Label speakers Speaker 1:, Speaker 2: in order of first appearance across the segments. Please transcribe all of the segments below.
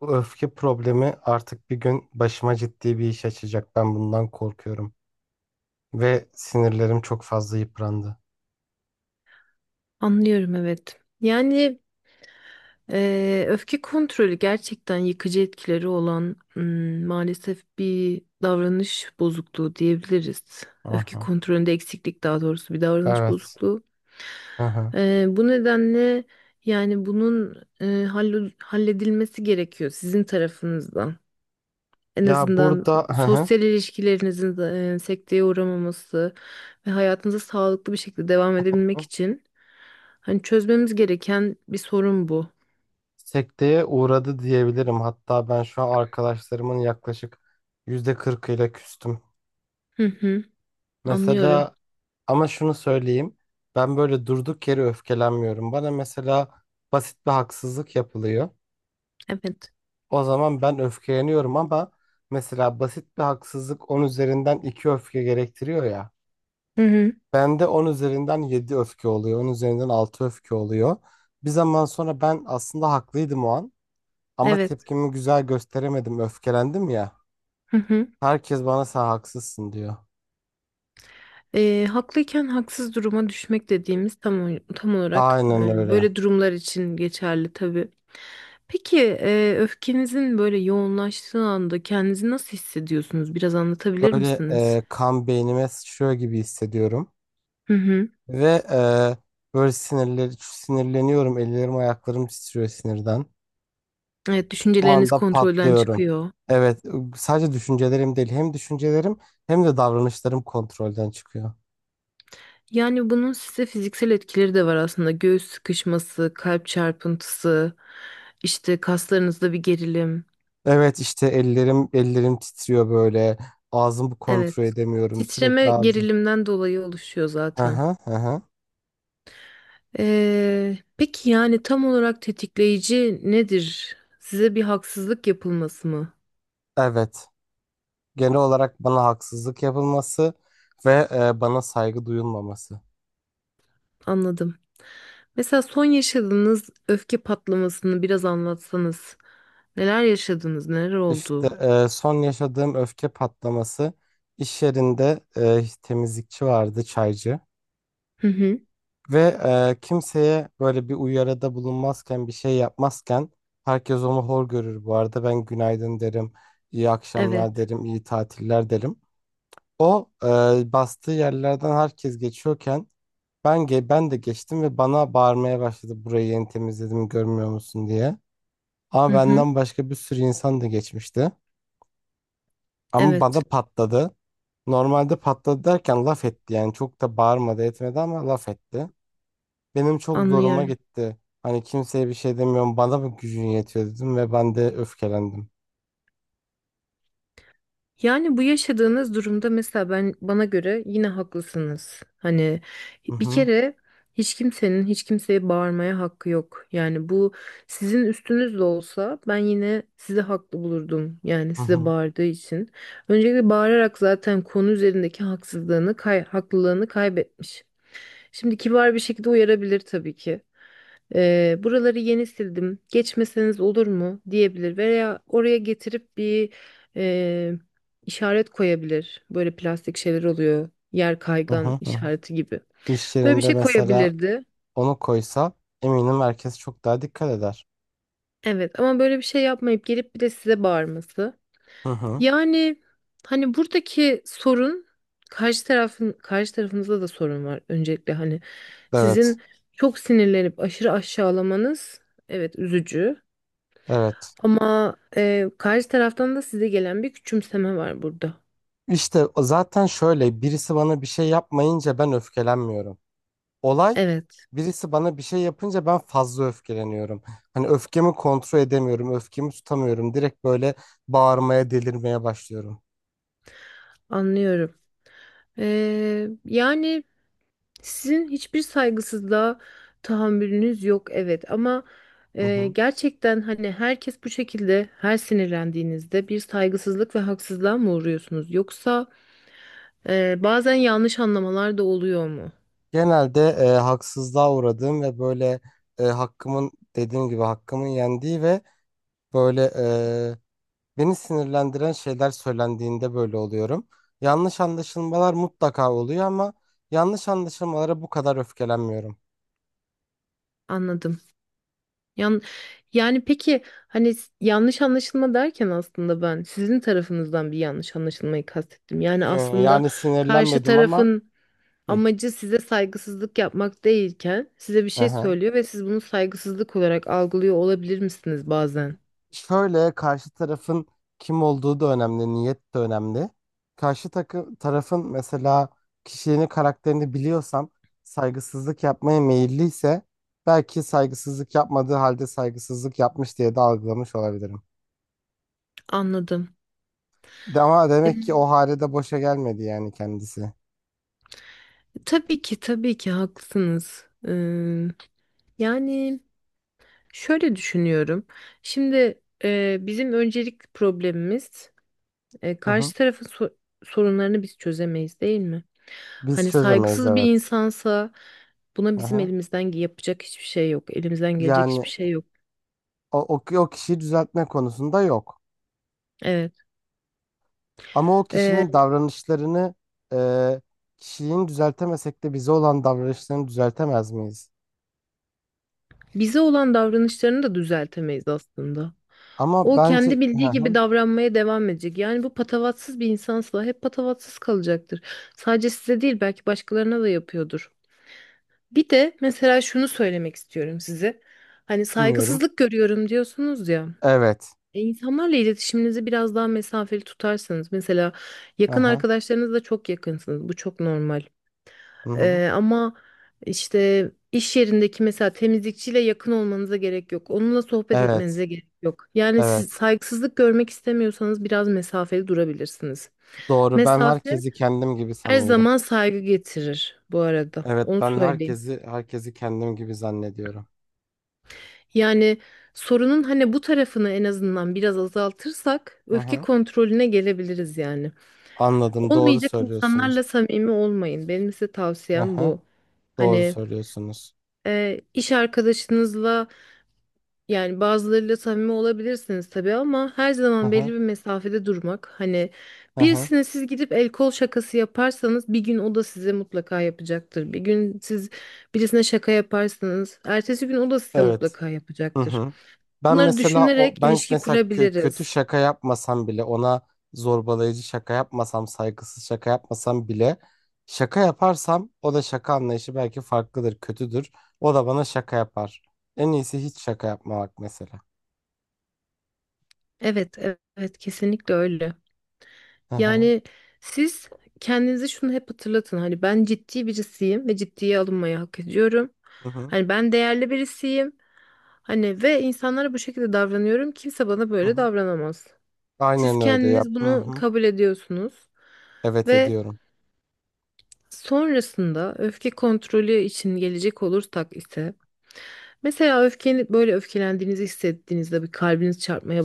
Speaker 1: Bu öfke problemi artık bir gün başıma ciddi bir iş açacak. Ben bundan korkuyorum. Ve sinirlerim çok fazla yıprandı.
Speaker 2: Anlıyorum, evet. Yani öfke kontrolü gerçekten yıkıcı etkileri olan, maalesef bir davranış bozukluğu diyebiliriz. Öfke
Speaker 1: Aha.
Speaker 2: kontrolünde eksiklik, daha doğrusu bir davranış
Speaker 1: Evet.
Speaker 2: bozukluğu.
Speaker 1: Aha.
Speaker 2: Bu nedenle yani bunun halledilmesi gerekiyor sizin tarafınızdan. En
Speaker 1: Ya
Speaker 2: azından
Speaker 1: burada aha.
Speaker 2: sosyal ilişkilerinizin sekteye uğramaması ve hayatınıza sağlıklı bir şekilde devam edebilmek için hani çözmemiz gereken bir sorun bu.
Speaker 1: Sekteye uğradı diyebilirim. Hatta ben şu an arkadaşlarımın yaklaşık %40'ıyla küstüm.
Speaker 2: Hı hı, anlıyorum.
Speaker 1: Mesela ama şunu söyleyeyim. Ben böyle durduk yere öfkelenmiyorum. Bana mesela basit bir haksızlık yapılıyor.
Speaker 2: Evet.
Speaker 1: O zaman ben öfkeleniyorum ama mesela basit bir haksızlık 10 üzerinden 2 öfke gerektiriyor ya.
Speaker 2: Hı hı,
Speaker 1: Bende 10 üzerinden 7 öfke oluyor. On üzerinden 6 öfke oluyor. Bir zaman sonra ben aslında haklıydım o an ama
Speaker 2: evet.
Speaker 1: tepkimi güzel gösteremedim. Öfkelendim ya.
Speaker 2: Hı hı.
Speaker 1: Herkes bana sen haksızsın diyor.
Speaker 2: Haklıyken haksız duruma düşmek dediğimiz tam tam olarak
Speaker 1: Aynen öyle.
Speaker 2: böyle durumlar için geçerli tabii. Peki öfkenizin böyle yoğunlaştığı anda kendinizi nasıl hissediyorsunuz? Biraz anlatabilir
Speaker 1: Böyle
Speaker 2: misiniz?
Speaker 1: kan beynime sıçrıyor gibi hissediyorum.
Speaker 2: Hı hı.
Speaker 1: Ve böyle sinirleniyorum. Ellerim ayaklarım titriyor sinirden.
Speaker 2: Evet,
Speaker 1: Bu
Speaker 2: düşünceleriniz
Speaker 1: anda
Speaker 2: kontrolden
Speaker 1: patlıyorum.
Speaker 2: çıkıyor.
Speaker 1: Evet, sadece düşüncelerim değil, hem düşüncelerim hem de davranışlarım kontrolden çıkıyor.
Speaker 2: Yani bunun size fiziksel etkileri de var aslında. Göğüs sıkışması, kalp çarpıntısı, işte kaslarınızda bir gerilim.
Speaker 1: Evet, işte ellerim titriyor böyle. Ağzımı kontrol
Speaker 2: Evet.
Speaker 1: edemiyorum. Sürekli
Speaker 2: Titreme
Speaker 1: ağzım.
Speaker 2: gerilimden dolayı oluşuyor
Speaker 1: Hı
Speaker 2: zaten.
Speaker 1: hı hı. Hı.
Speaker 2: Peki yani tam olarak tetikleyici nedir? Size bir haksızlık yapılması mı?
Speaker 1: Evet. Genel olarak bana haksızlık yapılması ve bana saygı duyulmaması.
Speaker 2: Anladım. Mesela son yaşadığınız öfke patlamasını biraz anlatsanız. Neler yaşadınız? Neler
Speaker 1: İşte
Speaker 2: oldu?
Speaker 1: son yaşadığım öfke patlaması iş yerinde temizlikçi vardı, çaycı.
Speaker 2: Hı hı.
Speaker 1: Ve kimseye böyle bir uyarıda bulunmazken bir şey yapmazken herkes onu hor görür bu arada. Ben günaydın derim, iyi
Speaker 2: Evet.
Speaker 1: akşamlar derim, iyi tatiller derim. O bastığı yerlerden herkes geçiyorken ben de geçtim ve bana bağırmaya başladı burayı yeni temizledim görmüyor musun diye.
Speaker 2: Hı
Speaker 1: Ama
Speaker 2: hı.
Speaker 1: benden başka bir sürü insan da geçmişti. Ama
Speaker 2: Evet,
Speaker 1: bana patladı. Normalde patladı derken laf etti yani çok da bağırmadı etmedi ama laf etti. Benim çok zoruma
Speaker 2: anlıyorum.
Speaker 1: gitti. Hani kimseye bir şey demiyorum. Bana mı gücün yetiyor dedim ve ben de öfkelendim.
Speaker 2: Yani bu yaşadığınız durumda mesela ben, bana göre yine haklısınız. Hani
Speaker 1: Hı
Speaker 2: bir
Speaker 1: hı,
Speaker 2: kere hiç kimsenin hiç kimseye bağırmaya hakkı yok. Yani bu sizin üstünüz de olsa ben yine sizi haklı bulurdum. Yani
Speaker 1: hı
Speaker 2: size
Speaker 1: hı,
Speaker 2: bağırdığı için. Öncelikle bağırarak zaten konu üzerindeki haksızlığını, haklılığını kaybetmiş. Şimdi kibar bir şekilde uyarabilir tabii ki. Buraları yeni sildim. Geçmeseniz olur mu diyebilir veya oraya getirip bir e, işaret koyabilir. Böyle plastik şeyler oluyor. Yer
Speaker 1: hı
Speaker 2: kaygan
Speaker 1: hı, hı hı.
Speaker 2: işareti gibi.
Speaker 1: İş
Speaker 2: Böyle bir
Speaker 1: yerinde
Speaker 2: şey
Speaker 1: mesela
Speaker 2: koyabilirdi.
Speaker 1: onu koysa eminim herkes çok daha dikkat eder.
Speaker 2: Evet, ama böyle bir şey yapmayıp gelip bir de size bağırması.
Speaker 1: Hı hı.
Speaker 2: Yani hani buradaki sorun karşı tarafınızda da sorun var öncelikle, hani
Speaker 1: Evet,
Speaker 2: sizin çok sinirlenip aşırı aşağılamanız, evet, üzücü.
Speaker 1: evet.
Speaker 2: Ama karşı taraftan da size gelen bir küçümseme var burada.
Speaker 1: İşte o zaten şöyle birisi bana bir şey yapmayınca ben öfkelenmiyorum. Olay
Speaker 2: Evet,
Speaker 1: birisi bana bir şey yapınca ben fazla öfkeleniyorum. Hani öfkemi kontrol edemiyorum, öfkemi tutamıyorum. Direkt böyle bağırmaya, delirmeye başlıyorum.
Speaker 2: anlıyorum. Yani sizin hiçbir saygısızlığa tahammülünüz yok, evet. Ama
Speaker 1: Hı hı.
Speaker 2: gerçekten hani herkes bu şekilde her sinirlendiğinizde bir saygısızlık ve haksızlığa mı uğruyorsunuz? Yoksa bazen yanlış anlamalar da oluyor mu?
Speaker 1: Genelde haksızlığa uğradığım ve böyle hakkımın dediğim gibi hakkımın yendiği ve böyle beni sinirlendiren şeyler söylendiğinde böyle oluyorum. Yanlış anlaşılmalar mutlaka oluyor ama yanlış anlaşılmalara bu kadar öfkelenmiyorum.
Speaker 2: Anladım. Yan, Yani peki hani yanlış anlaşılma derken aslında ben sizin tarafınızdan bir yanlış anlaşılmayı kastettim. Yani aslında
Speaker 1: Yani
Speaker 2: karşı
Speaker 1: sinirlenmedim ama.
Speaker 2: tarafın
Speaker 1: Hı.
Speaker 2: amacı size saygısızlık yapmak değilken size bir şey
Speaker 1: Aha.
Speaker 2: söylüyor ve siz bunu saygısızlık olarak algılıyor olabilir misiniz bazen?
Speaker 1: Şöyle karşı tarafın kim olduğu da önemli, niyet de önemli. Karşı tarafın mesela kişiliğini, karakterini biliyorsam saygısızlık yapmaya meyilliyse belki saygısızlık yapmadığı halde saygısızlık yapmış diye de algılamış olabilirim.
Speaker 2: Anladım.
Speaker 1: Ama demek ki
Speaker 2: Ee,
Speaker 1: o hale de boşa gelmedi yani kendisi.
Speaker 2: tabii ki tabii ki haklısınız. Yani şöyle düşünüyorum. Şimdi bizim öncelik problemimiz. E,
Speaker 1: Hı hı.
Speaker 2: karşı tarafın sorunlarını biz çözemeyiz değil mi?
Speaker 1: Biz
Speaker 2: Hani
Speaker 1: çözemeyiz
Speaker 2: saygısız bir
Speaker 1: evet.
Speaker 2: insansa buna
Speaker 1: Hı
Speaker 2: bizim
Speaker 1: hı.
Speaker 2: elimizden yapacak hiçbir şey yok. Elimizden gelecek
Speaker 1: Yani
Speaker 2: hiçbir şey yok.
Speaker 1: o kişiyi düzeltme konusunda yok.
Speaker 2: Evet.
Speaker 1: Ama o
Speaker 2: E,
Speaker 1: kişinin davranışlarını e, kişiliğini düzeltemesek de bize olan davranışlarını düzeltemez miyiz?
Speaker 2: Bize olan davranışlarını da düzeltemeyiz aslında.
Speaker 1: Ama
Speaker 2: O
Speaker 1: bence.
Speaker 2: kendi
Speaker 1: Hı
Speaker 2: bildiği gibi
Speaker 1: hı,
Speaker 2: davranmaya devam edecek. Yani bu patavatsız bir insansa hep patavatsız kalacaktır. Sadece size değil, belki başkalarına da yapıyordur. Bir de mesela şunu söylemek istiyorum size. Hani
Speaker 1: dinliyorum.
Speaker 2: saygısızlık görüyorum diyorsunuz ya.
Speaker 1: Evet.
Speaker 2: E, İnsanlarla iletişiminizi biraz daha mesafeli tutarsanız, mesela
Speaker 1: Hı
Speaker 2: yakın
Speaker 1: hı.
Speaker 2: arkadaşlarınızla çok yakınsınız. Bu çok normal.
Speaker 1: Hı hı.
Speaker 2: Ama işte iş yerindeki mesela temizlikçiyle yakın olmanıza gerek yok. Onunla sohbet
Speaker 1: Evet.
Speaker 2: etmenize gerek yok. Yani
Speaker 1: Evet.
Speaker 2: siz saygısızlık görmek istemiyorsanız biraz mesafeli durabilirsiniz.
Speaker 1: Doğru. Ben
Speaker 2: Mesafe
Speaker 1: herkesi kendim gibi
Speaker 2: her
Speaker 1: sanıyorum.
Speaker 2: zaman saygı getirir bu arada.
Speaker 1: Evet,
Speaker 2: Onu
Speaker 1: ben
Speaker 2: söyleyeyim.
Speaker 1: herkesi kendim gibi zannediyorum.
Speaker 2: Yani sorunun hani bu tarafını en azından biraz azaltırsak
Speaker 1: Hı
Speaker 2: öfke
Speaker 1: hı.
Speaker 2: kontrolüne gelebiliriz yani.
Speaker 1: Anladım. Doğru
Speaker 2: Olmayacak insanlarla
Speaker 1: söylüyorsunuz.
Speaker 2: samimi olmayın. Benim size
Speaker 1: Hı
Speaker 2: tavsiyem
Speaker 1: hı.
Speaker 2: bu.
Speaker 1: Doğru
Speaker 2: Hani
Speaker 1: söylüyorsunuz.
Speaker 2: iş arkadaşınızla yani bazılarıyla samimi olabilirsiniz tabii, ama her
Speaker 1: Hı
Speaker 2: zaman belli
Speaker 1: hı.
Speaker 2: bir mesafede durmak. Hani
Speaker 1: Hı hı.
Speaker 2: birisine siz gidip el kol şakası yaparsanız bir gün o da size mutlaka yapacaktır. Bir gün siz birisine şaka yaparsanız ertesi gün o da size
Speaker 1: Evet.
Speaker 2: mutlaka
Speaker 1: Hı
Speaker 2: yapacaktır.
Speaker 1: hı. Ben
Speaker 2: Bunları
Speaker 1: mesela o
Speaker 2: düşünerek
Speaker 1: ben
Speaker 2: ilişki
Speaker 1: mesela kötü
Speaker 2: kurabiliriz.
Speaker 1: şaka yapmasam bile ona zorbalayıcı şaka yapmasam saygısız şaka yapmasam bile şaka yaparsam o da şaka anlayışı belki farklıdır kötüdür o da bana şaka yapar. En iyisi hiç şaka yapmamak mesela.
Speaker 2: Evet, evet, evet, kesinlikle öyle.
Speaker 1: Hı hı,
Speaker 2: Yani siz kendinize şunu hep hatırlatın. Hani ben ciddi birisiyim ve ciddiye alınmayı hak ediyorum.
Speaker 1: hı hı,
Speaker 2: Hani ben değerli birisiyim. Hani ve insanlara bu şekilde davranıyorum. Kimse bana
Speaker 1: hı
Speaker 2: böyle
Speaker 1: hı.
Speaker 2: davranamaz. Siz
Speaker 1: Aynen öyle yap.
Speaker 2: kendiniz
Speaker 1: Hı
Speaker 2: bunu
Speaker 1: hı.
Speaker 2: kabul ediyorsunuz.
Speaker 1: Evet
Speaker 2: Ve
Speaker 1: ediyorum.
Speaker 2: sonrasında öfke kontrolü için gelecek olursak ise, mesela öfkeni böyle öfkelendiğinizi hissettiğinizde bir kalbiniz çarpmaya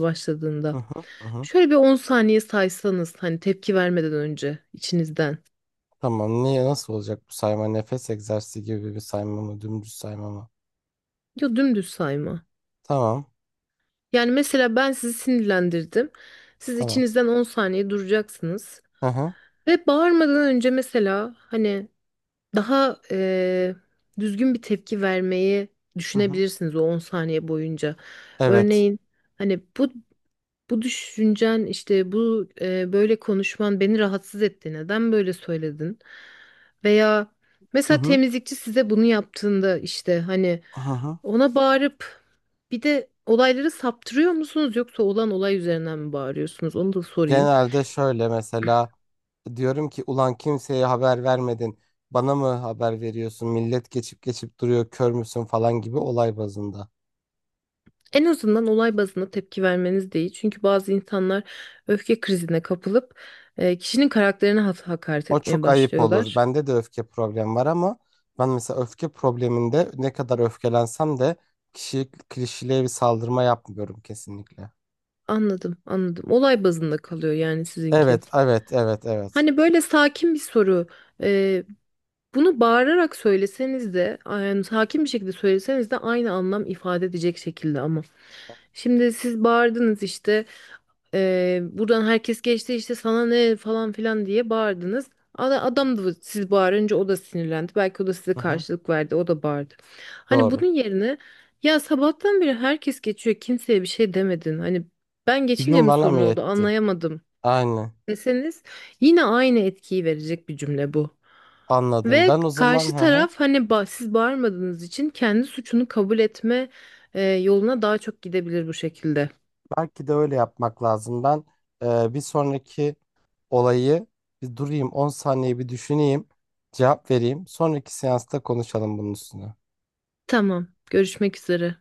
Speaker 1: Hı
Speaker 2: başladığında
Speaker 1: hı, hı hı.
Speaker 2: şöyle bir 10 saniye saysanız hani tepki vermeden önce içinizden.
Speaker 1: Tamam, niye nasıl olacak bu sayma, nefes egzersizi gibi bir sayma mı, dümdüz sayma mı?
Speaker 2: Ya dümdüz sayma.
Speaker 1: Tamam,
Speaker 2: Yani mesela ben sizi sinirlendirdim. Siz
Speaker 1: tamam.
Speaker 2: içinizden 10 saniye duracaksınız
Speaker 1: Hı hı,
Speaker 2: ve bağırmadan önce mesela hani daha düzgün bir tepki vermeyi
Speaker 1: hı hı.
Speaker 2: düşünebilirsiniz o 10 saniye boyunca.
Speaker 1: Evet.
Speaker 2: Örneğin hani bu düşüncen, işte bu böyle konuşman beni rahatsız etti. Neden böyle söyledin? Veya
Speaker 1: Hı
Speaker 2: mesela
Speaker 1: hı.
Speaker 2: temizlikçi size bunu yaptığında, işte hani
Speaker 1: Hı hı.
Speaker 2: ona bağırıp bir de olayları saptırıyor musunuz, yoksa olan olay üzerinden mi bağırıyorsunuz? Onu da sorayım.
Speaker 1: Genelde şöyle mesela diyorum ki ulan kimseye haber vermedin. Bana mı haber veriyorsun? Millet geçip geçip duruyor. Kör müsün falan gibi olay bazında.
Speaker 2: En azından olay bazında tepki vermeniz değil. Çünkü bazı insanlar öfke krizine kapılıp kişinin karakterine hakaret
Speaker 1: O
Speaker 2: etmeye
Speaker 1: çok ayıp olur.
Speaker 2: başlıyorlar.
Speaker 1: Bende de öfke problemi var ama ben mesela öfke probleminde ne kadar öfkelensem de kişi kişiliğe bir saldırma yapmıyorum kesinlikle.
Speaker 2: Anladım, anladım. Olay bazında kalıyor yani sizinki.
Speaker 1: Evet, evet, evet, evet.
Speaker 2: Hani böyle sakin bir soru. e, Bunu bağırarak söyleseniz de, yani sakin bir şekilde söyleseniz de aynı anlam ifade edecek şekilde ama. Şimdi siz bağırdınız işte. Buradan herkes geçti, işte sana ne falan filan diye bağırdınız.
Speaker 1: Hı hı.
Speaker 2: Adam da siz bağırınca o da sinirlendi. Belki o da size
Speaker 1: Hı hı.
Speaker 2: karşılık verdi. O da bağırdı. Hani
Speaker 1: Doğru.
Speaker 2: bunun yerine ya sabahtan beri herkes geçiyor. Kimseye bir şey demedin. Hani ben geçince
Speaker 1: Gücün
Speaker 2: mi
Speaker 1: bana
Speaker 2: sorun
Speaker 1: mı
Speaker 2: oldu
Speaker 1: yetti?
Speaker 2: anlayamadım
Speaker 1: Aynen.
Speaker 2: deseniz yine aynı etkiyi verecek bir cümle bu.
Speaker 1: Anladım.
Speaker 2: Ve
Speaker 1: Ben o zaman,
Speaker 2: karşı
Speaker 1: hı hı.
Speaker 2: taraf hani siz bağırmadığınız için kendi suçunu kabul etme yoluna daha çok gidebilir bu şekilde.
Speaker 1: Belki de öyle yapmak lazım. Ben bir sonraki olayı bir durayım 10 saniye bir düşüneyim. Cevap vereyim. Sonraki seansta konuşalım bunun üstüne.
Speaker 2: Tamam, görüşmek üzere.